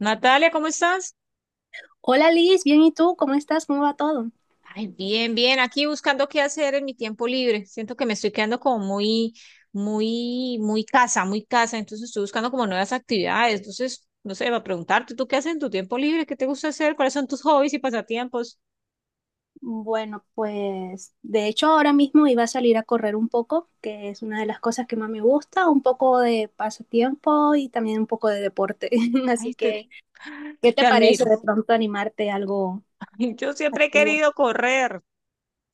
Natalia, ¿cómo estás? Hola Liz, bien, ¿y tú? ¿Cómo estás? ¿Cómo va todo? Ay, bien, bien, aquí buscando qué hacer en mi tiempo libre. Siento que me estoy quedando como muy, muy, muy casa, muy casa. Entonces estoy buscando como nuevas actividades. Entonces, no sé, va a preguntarte, ¿tú qué haces en tu tiempo libre? ¿Qué te gusta hacer? ¿Cuáles son tus hobbies y pasatiempos? Bueno, pues de hecho ahora mismo iba a salir a correr un poco, que es una de las cosas que más me gusta, un poco de pasatiempo y también un poco de deporte. Ay, Así te, que, ¿qué te te admiro. parece de pronto animarte a algo? Yo siempre he Y yo, querido correr,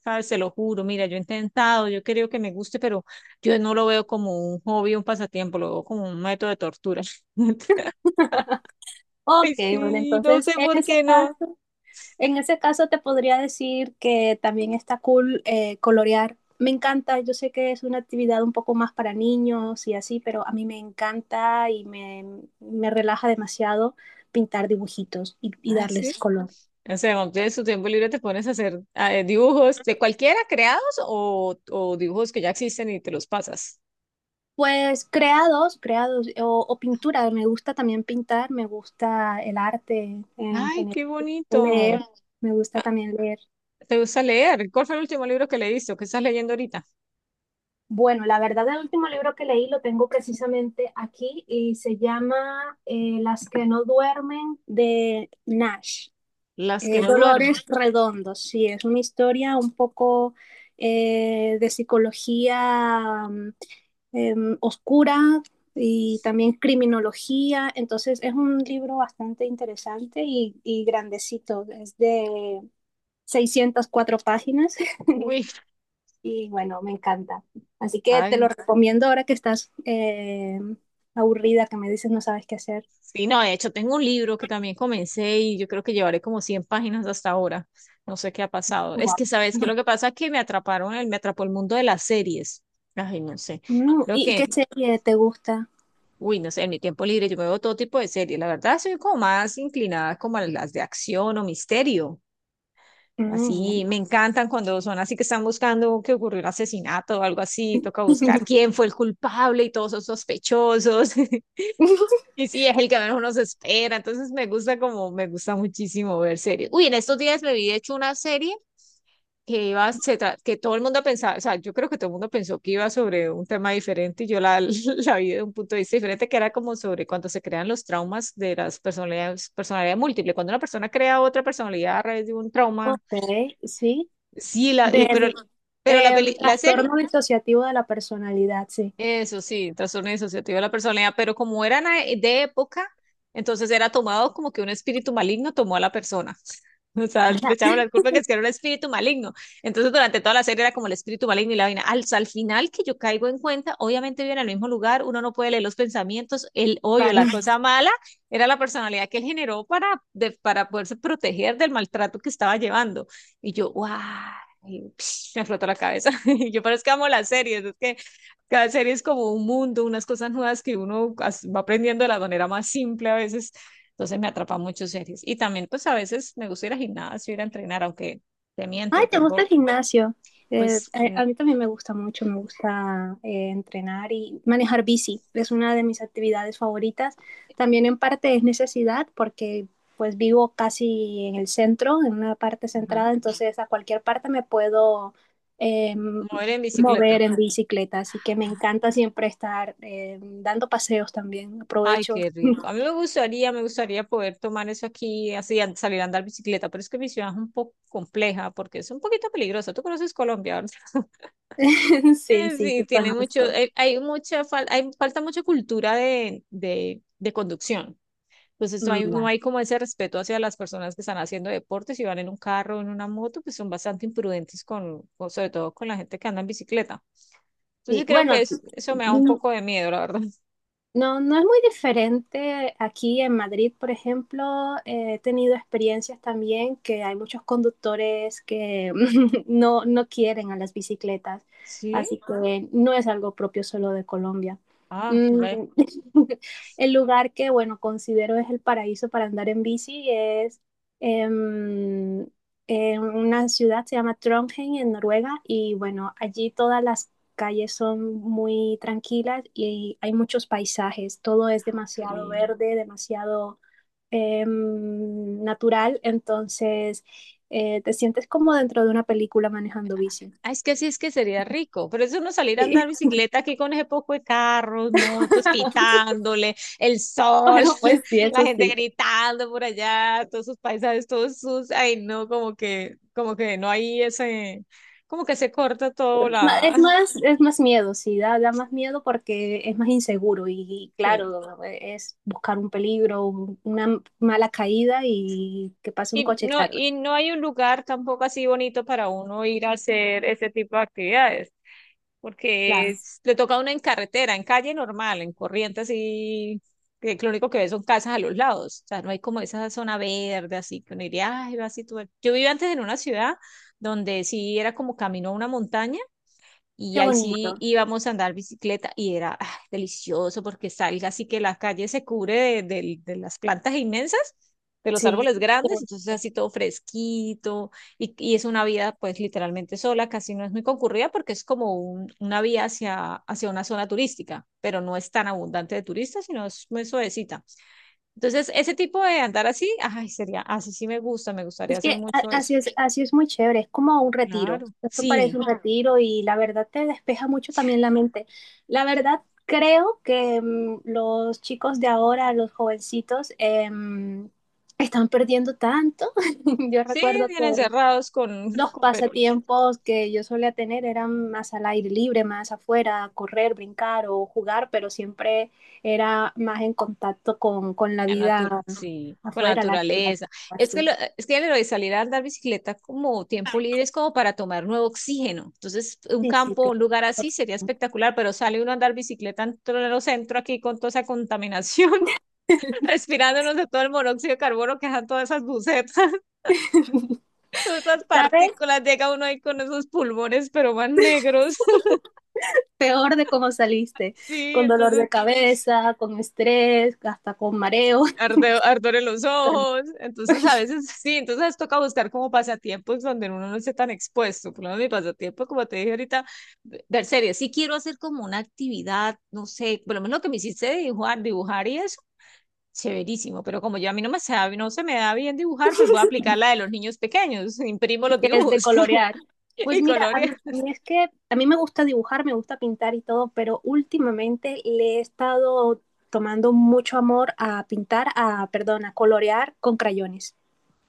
¿sabes? Se lo juro. Mira, yo he intentado, yo creo que me guste, pero yo no lo veo como un hobby, un pasatiempo, lo veo como un método de tortura. Ay, ok, bueno, sí, no sé entonces en por ese qué no. caso... En ese caso te podría decir que también está cool, colorear. Me encanta, yo sé que es una actividad un poco más para niños y así, pero a mí me encanta y me relaja demasiado pintar dibujitos y Ah, sí. darles color. O sea, cuando tienes tu tiempo libre te pones a hacer dibujos de cualquiera creados o dibujos que ya existen y te los pasas. Pues creados, creados o pintura, me gusta también pintar, me gusta el arte en Ay, general, qué leer, bonito. me gusta también leer. ¿Te gusta leer? ¿Cuál fue el último libro que leíste o qué estás leyendo ahorita? Bueno, la verdad, el último libro que leí lo tengo precisamente aquí y se llama Las que no duermen de Nash. Las que no duermen. Dolores Redondos, sí, es una historia un poco de psicología, oscura, y también criminología. Entonces es un libro bastante interesante y grandecito, es de 604 páginas. Uy, Y bueno, me encanta. Así que te lo ay. recomiendo ahora que estás aburrida, que me dices no sabes qué hacer. Sí, no, de hecho tengo un libro que también comencé y yo creo que llevaré como 100 páginas hasta ahora. No sé qué ha pasado. Es Wow. que, ¿sabes qué? Lo que pasa es que me atraparon, me atrapó el mundo de las series. Ay, no sé. Lo ¿y que, qué serie te gusta? uy, no sé, en mi tiempo libre yo me veo todo tipo de series. La verdad, soy como más inclinada como a las de acción o misterio. Mm. Así me encantan cuando son así que están buscando que ocurrió un asesinato o algo así. Toca buscar quién fue el culpable y todos son sospechosos. Y sí, es el que menos uno se espera. Entonces me gusta como, me gusta muchísimo ver series. Uy, en estos días me vi de hecho una serie que iba, que todo el mundo pensaba, o sea, yo creo que todo el mundo pensó que iba sobre un tema diferente y yo la, la vi de un punto de vista diferente, que era como sobre cuando se crean los traumas de las personalidades, personalidad múltiple, cuando una persona crea otra personalidad a través de un trauma, Ok, sí. sí, pero, Del pero la, peli- la serie. trastorno disociativo de la personalidad, sí. Eso sí, trastorno disociativo de la personalidad, pero como eran de época, entonces era tomado como que un espíritu maligno tomó a la persona. O sea, le Ajá, echaban la culpa que es que era un espíritu maligno. Entonces, durante toda la serie era como el espíritu maligno y la vaina. Al final que yo caigo en cuenta, obviamente vive en el mismo lugar, uno no puede leer los pensamientos, el odio, la claro. cosa mala, era la personalidad que él generó para, para poderse proteger del maltrato que estaba llevando. Y yo, ¡guau! Y, me flotó la cabeza. Y yo, pero es que amo las series, es que cada serie es como un mundo, unas cosas nuevas que uno va aprendiendo de la manera más simple a veces. Entonces me atrapa mucho series. Y también pues a veces me gusta ir al gimnasio, ir a entrenar, aunque te Ay, miento, ¿te gusta el tengo gimnasio? Eh, pues a mí también me gusta mucho, me gusta entrenar y manejar bici. Es una de mis actividades favoritas. También en parte es necesidad porque pues vivo casi en el centro, en una parte ajá, centrada, entonces a cualquier parte me puedo eh, mover en mover bicicleta. en bicicleta. Así que me Ah, encanta siempre estar dando paseos también. ay, Aprovecho. qué rico. A mí me gustaría poder tomar eso aquí, así, salir a andar bicicleta, pero es que mi ciudad es un poco compleja porque es un poquito peligrosa. Tú conoces Colombia, ¿verdad? Sí, sí, Sí, te tiene mucho, conozco. hay mucha, hay, falta mucha cultura de conducción. Entonces no Mm, hay, no va. hay como ese respeto hacia las personas que están haciendo deportes y van en un carro o en una moto, pues son bastante imprudentes con, sobre todo con la gente que anda en bicicleta. Sí, Entonces creo que bueno, es, eso me da un poco de miedo, la verdad. no, no es muy diferente. Aquí en Madrid, por ejemplo, he tenido experiencias también que hay muchos conductores que no, no quieren a las bicicletas, Sí, así que no es algo propio solo de Colombia. ah, Mm. ve, El lugar que, bueno, considero es el paraíso para andar en bici es, em, en una ciudad, se llama Trondheim, en Noruega, y bueno, allí todas las calles son muy tranquilas y hay muchos paisajes, todo es qué demasiado lindo. verde, demasiado natural, entonces te sientes como dentro de una película manejando bici. Ay, es que sí, es que sería rico, pero eso no salir a andar Sí. bicicleta aquí con ese poco de carros, motos, pitándole, el sol, Bueno, pues sí, sí, la eso gente sí. gritando por allá, todos sus paisajes, todos sus, ay no, como que no hay ese, como que se corta todo Ma- la, Es más, es más miedo, sí, da, da más miedo porque es más inseguro y sí. claro, es buscar un peligro, una mala caída y que pase un coche, claro. Y no hay un lugar tampoco así bonito para uno ir a hacer ese tipo de actividades. porque Claro. es- le toca a uno en carretera, en calle normal, en corriente así, que lo único que ve son casas a los lados, o sea, no hay como esa zona verde así, que uno diría, ay, va así todo". Yo vivía antes en una ciudad donde sí era como camino a una montaña, y Qué ahí sí bonito. íbamos a andar bicicleta y era ah, delicioso porque salga así que la calle se cubre de, de las plantas inmensas, de los Sí. árboles grandes, entonces así todo fresquito y es una vía pues literalmente sola, casi no es muy concurrida porque es como una vía hacia, hacia una zona turística, pero no es tan abundante de turistas, sino es muy suavecita. Entonces ese tipo de andar así, ay, sería, así sí sí me gusta, me gustaría Es hacer que mucho eso. Así es muy chévere, es como un retiro. Claro. Esto parece Sí. un, claro, retiro, y la verdad te despeja mucho también la mente. La verdad, creo que, los chicos de ahora, los jovencitos, están perdiendo tanto. Yo Sí, recuerdo bien que encerrados con, los con pasatiempos que yo solía tener eran más al aire libre, más afuera, correr, brincar o jugar, pero siempre era más en contacto con la la vida sí, con la afuera, la naturaleza, naturaleza. Es que, así. Es que lo de salir a andar bicicleta como tiempo libre es como para tomar nuevo oxígeno. Entonces, un Sí, sí, campo, claro. un lugar así sería espectacular, pero sale uno a andar bicicleta en el centro aquí con toda esa contaminación, respirándonos de todo el monóxido de carbono que dejan todas esas bucetas, todas esas ¿Sabes? partículas, llega uno ahí con esos pulmones, pero más negros. Peor de cómo saliste, Sí, con dolor entonces de cabeza, con estrés, hasta con mareo, ardor en los ojos. Entonces, a veces sí, entonces toca buscar como pasatiempos donde uno no esté tan expuesto. Por lo menos mi pasatiempo, como te dije ahorita, ver series. Sí quiero hacer como una actividad, no sé, por lo menos lo que me hiciste de dibujar, dibujar y eso, chéverísimo. Pero como yo a mí no no se me da bien dibujar, pues voy a aplicar la de los niños pequeños. Imprimo los que es de dibujos colorear. Pues y mira, a mí, colores. a mí es que a mí me gusta dibujar, me gusta pintar y todo, pero últimamente le he estado tomando mucho amor a pintar, a, perdón, a colorear con crayones.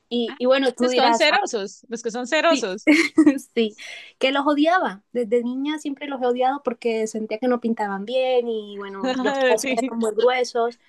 Y bueno, tú Los que son dirás, "Ah, cerosos, los que son sí, cerosos. sí", que los odiaba. Desde niña siempre los he odiado porque sentía que no pintaban bien y bueno, los trazos Sí. eran muy gruesos.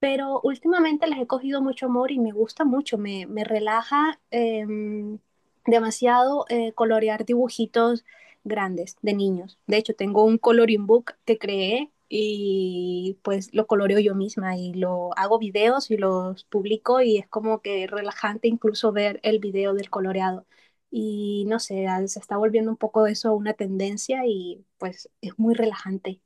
Pero últimamente les he cogido mucho amor y me gusta mucho, me relaja, demasiado, colorear dibujitos grandes de niños. De hecho, tengo un coloring book que creé y pues lo coloreo yo misma y lo hago videos y los publico y es como que relajante incluso ver el video del coloreado. Y no sé, ah, se está volviendo un poco eso una tendencia y pues es muy relajante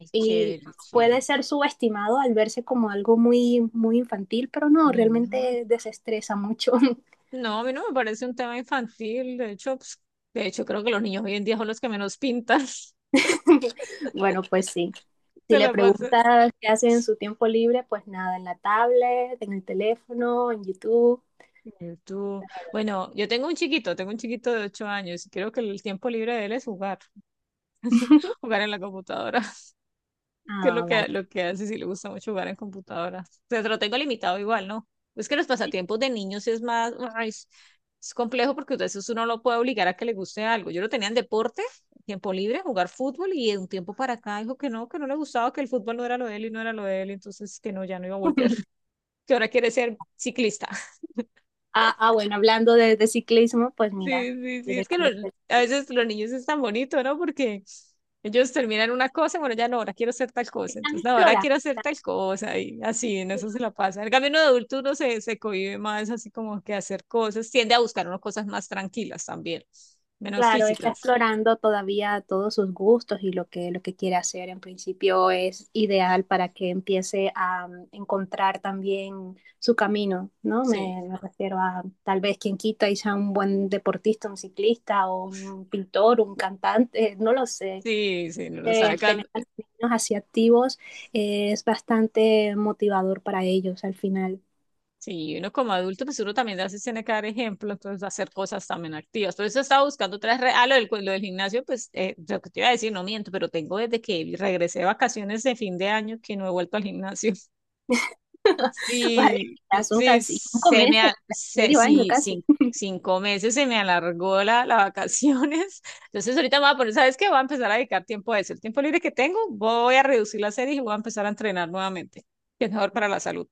Ay, y chévere, puede chévere. ser subestimado al verse como algo muy, muy infantil, pero no, No. realmente desestresa mucho. No, a mí no me parece un tema infantil. De hecho, pues, de hecho, creo que los niños hoy en día son los que menos pintan. Bueno, pues sí. Si de le la pasas preguntas qué hace en su tiempo libre, pues nada, en la tablet, en el teléfono, en YouTube. en tú. Bueno, yo tengo un chiquito de 8 años y creo que el tiempo libre de él es jugar, jugar en la computadora. Que es Ah, vale. Lo que hace si le gusta mucho jugar en computadora. O sea, se lo tengo limitado igual, ¿no? Es que los pasatiempos de niños es más, ay, es complejo porque a veces uno lo puede obligar a que le guste algo. Yo lo tenía en deporte, tiempo libre, jugar fútbol y de un tiempo para acá dijo que no le gustaba, que el fútbol no era lo de él y no era lo de él, entonces que no, ya no iba a volver, que ahora quiere ser ciclista. Ah, ah, bueno, hablando de ciclismo, pues mira, Sí, sí, sí, directamente a veces los niños es tan bonito, ¿no? Porque ellos terminan una cosa, bueno, ya no, ahora quiero hacer tal cosa, están entonces no, ahora explorando. quiero hacer tal cosa y así, en eso se la pasa. En cambio, uno de adulto uno se, se cohíbe más así como que hacer cosas, tiende a buscar unas cosas más tranquilas también, menos Claro, está físicas. explorando todavía todos sus gustos y lo que quiere hacer. En principio es ideal para que empiece a, encontrar también su camino, ¿no? Sí, Me refiero a tal vez quien quita y sea un buen deportista, un ciclista o un pintor, un cantante, no lo sé. sí, sí, no lo sabe. Tener a los niños así activos es bastante motivador para ellos al final. Sí, uno como adulto, pues uno también a veces tiene que dar ejemplo, entonces hacer cosas también activas. Por eso estaba buscando otras redes. Ah, lo del, lo del gimnasio, pues lo que te iba a decir, no miento, pero tengo desde que regresé de vacaciones de fin de año que no he vuelto al gimnasio. Vale, Sí, ya son sí, casi cinco se me, meses, medio año sí, casi. 5 meses se me alargó la, las vacaciones. Entonces ahorita me voy a poner, ¿sabes qué? Voy a empezar a dedicar tiempo a eso. El tiempo libre que tengo, voy a reducir la serie y voy a empezar a entrenar nuevamente, que es mejor para la salud.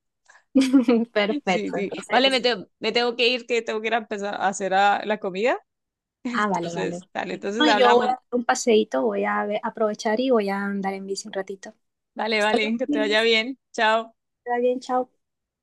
Sí, Perfecto, sí. Vale, me, entonces. Me tengo que ir, que tengo que ir a empezar a hacer la comida. Ah, vale, vale. Entonces, dale, Sí. entonces No, yo voy hablamos. a dar un paseíto, voy a aprovechar y voy a andar en bici un ratito. Vale, Hasta vale, luego, que te vaya Liz. bien. Chao. Está bien, chao.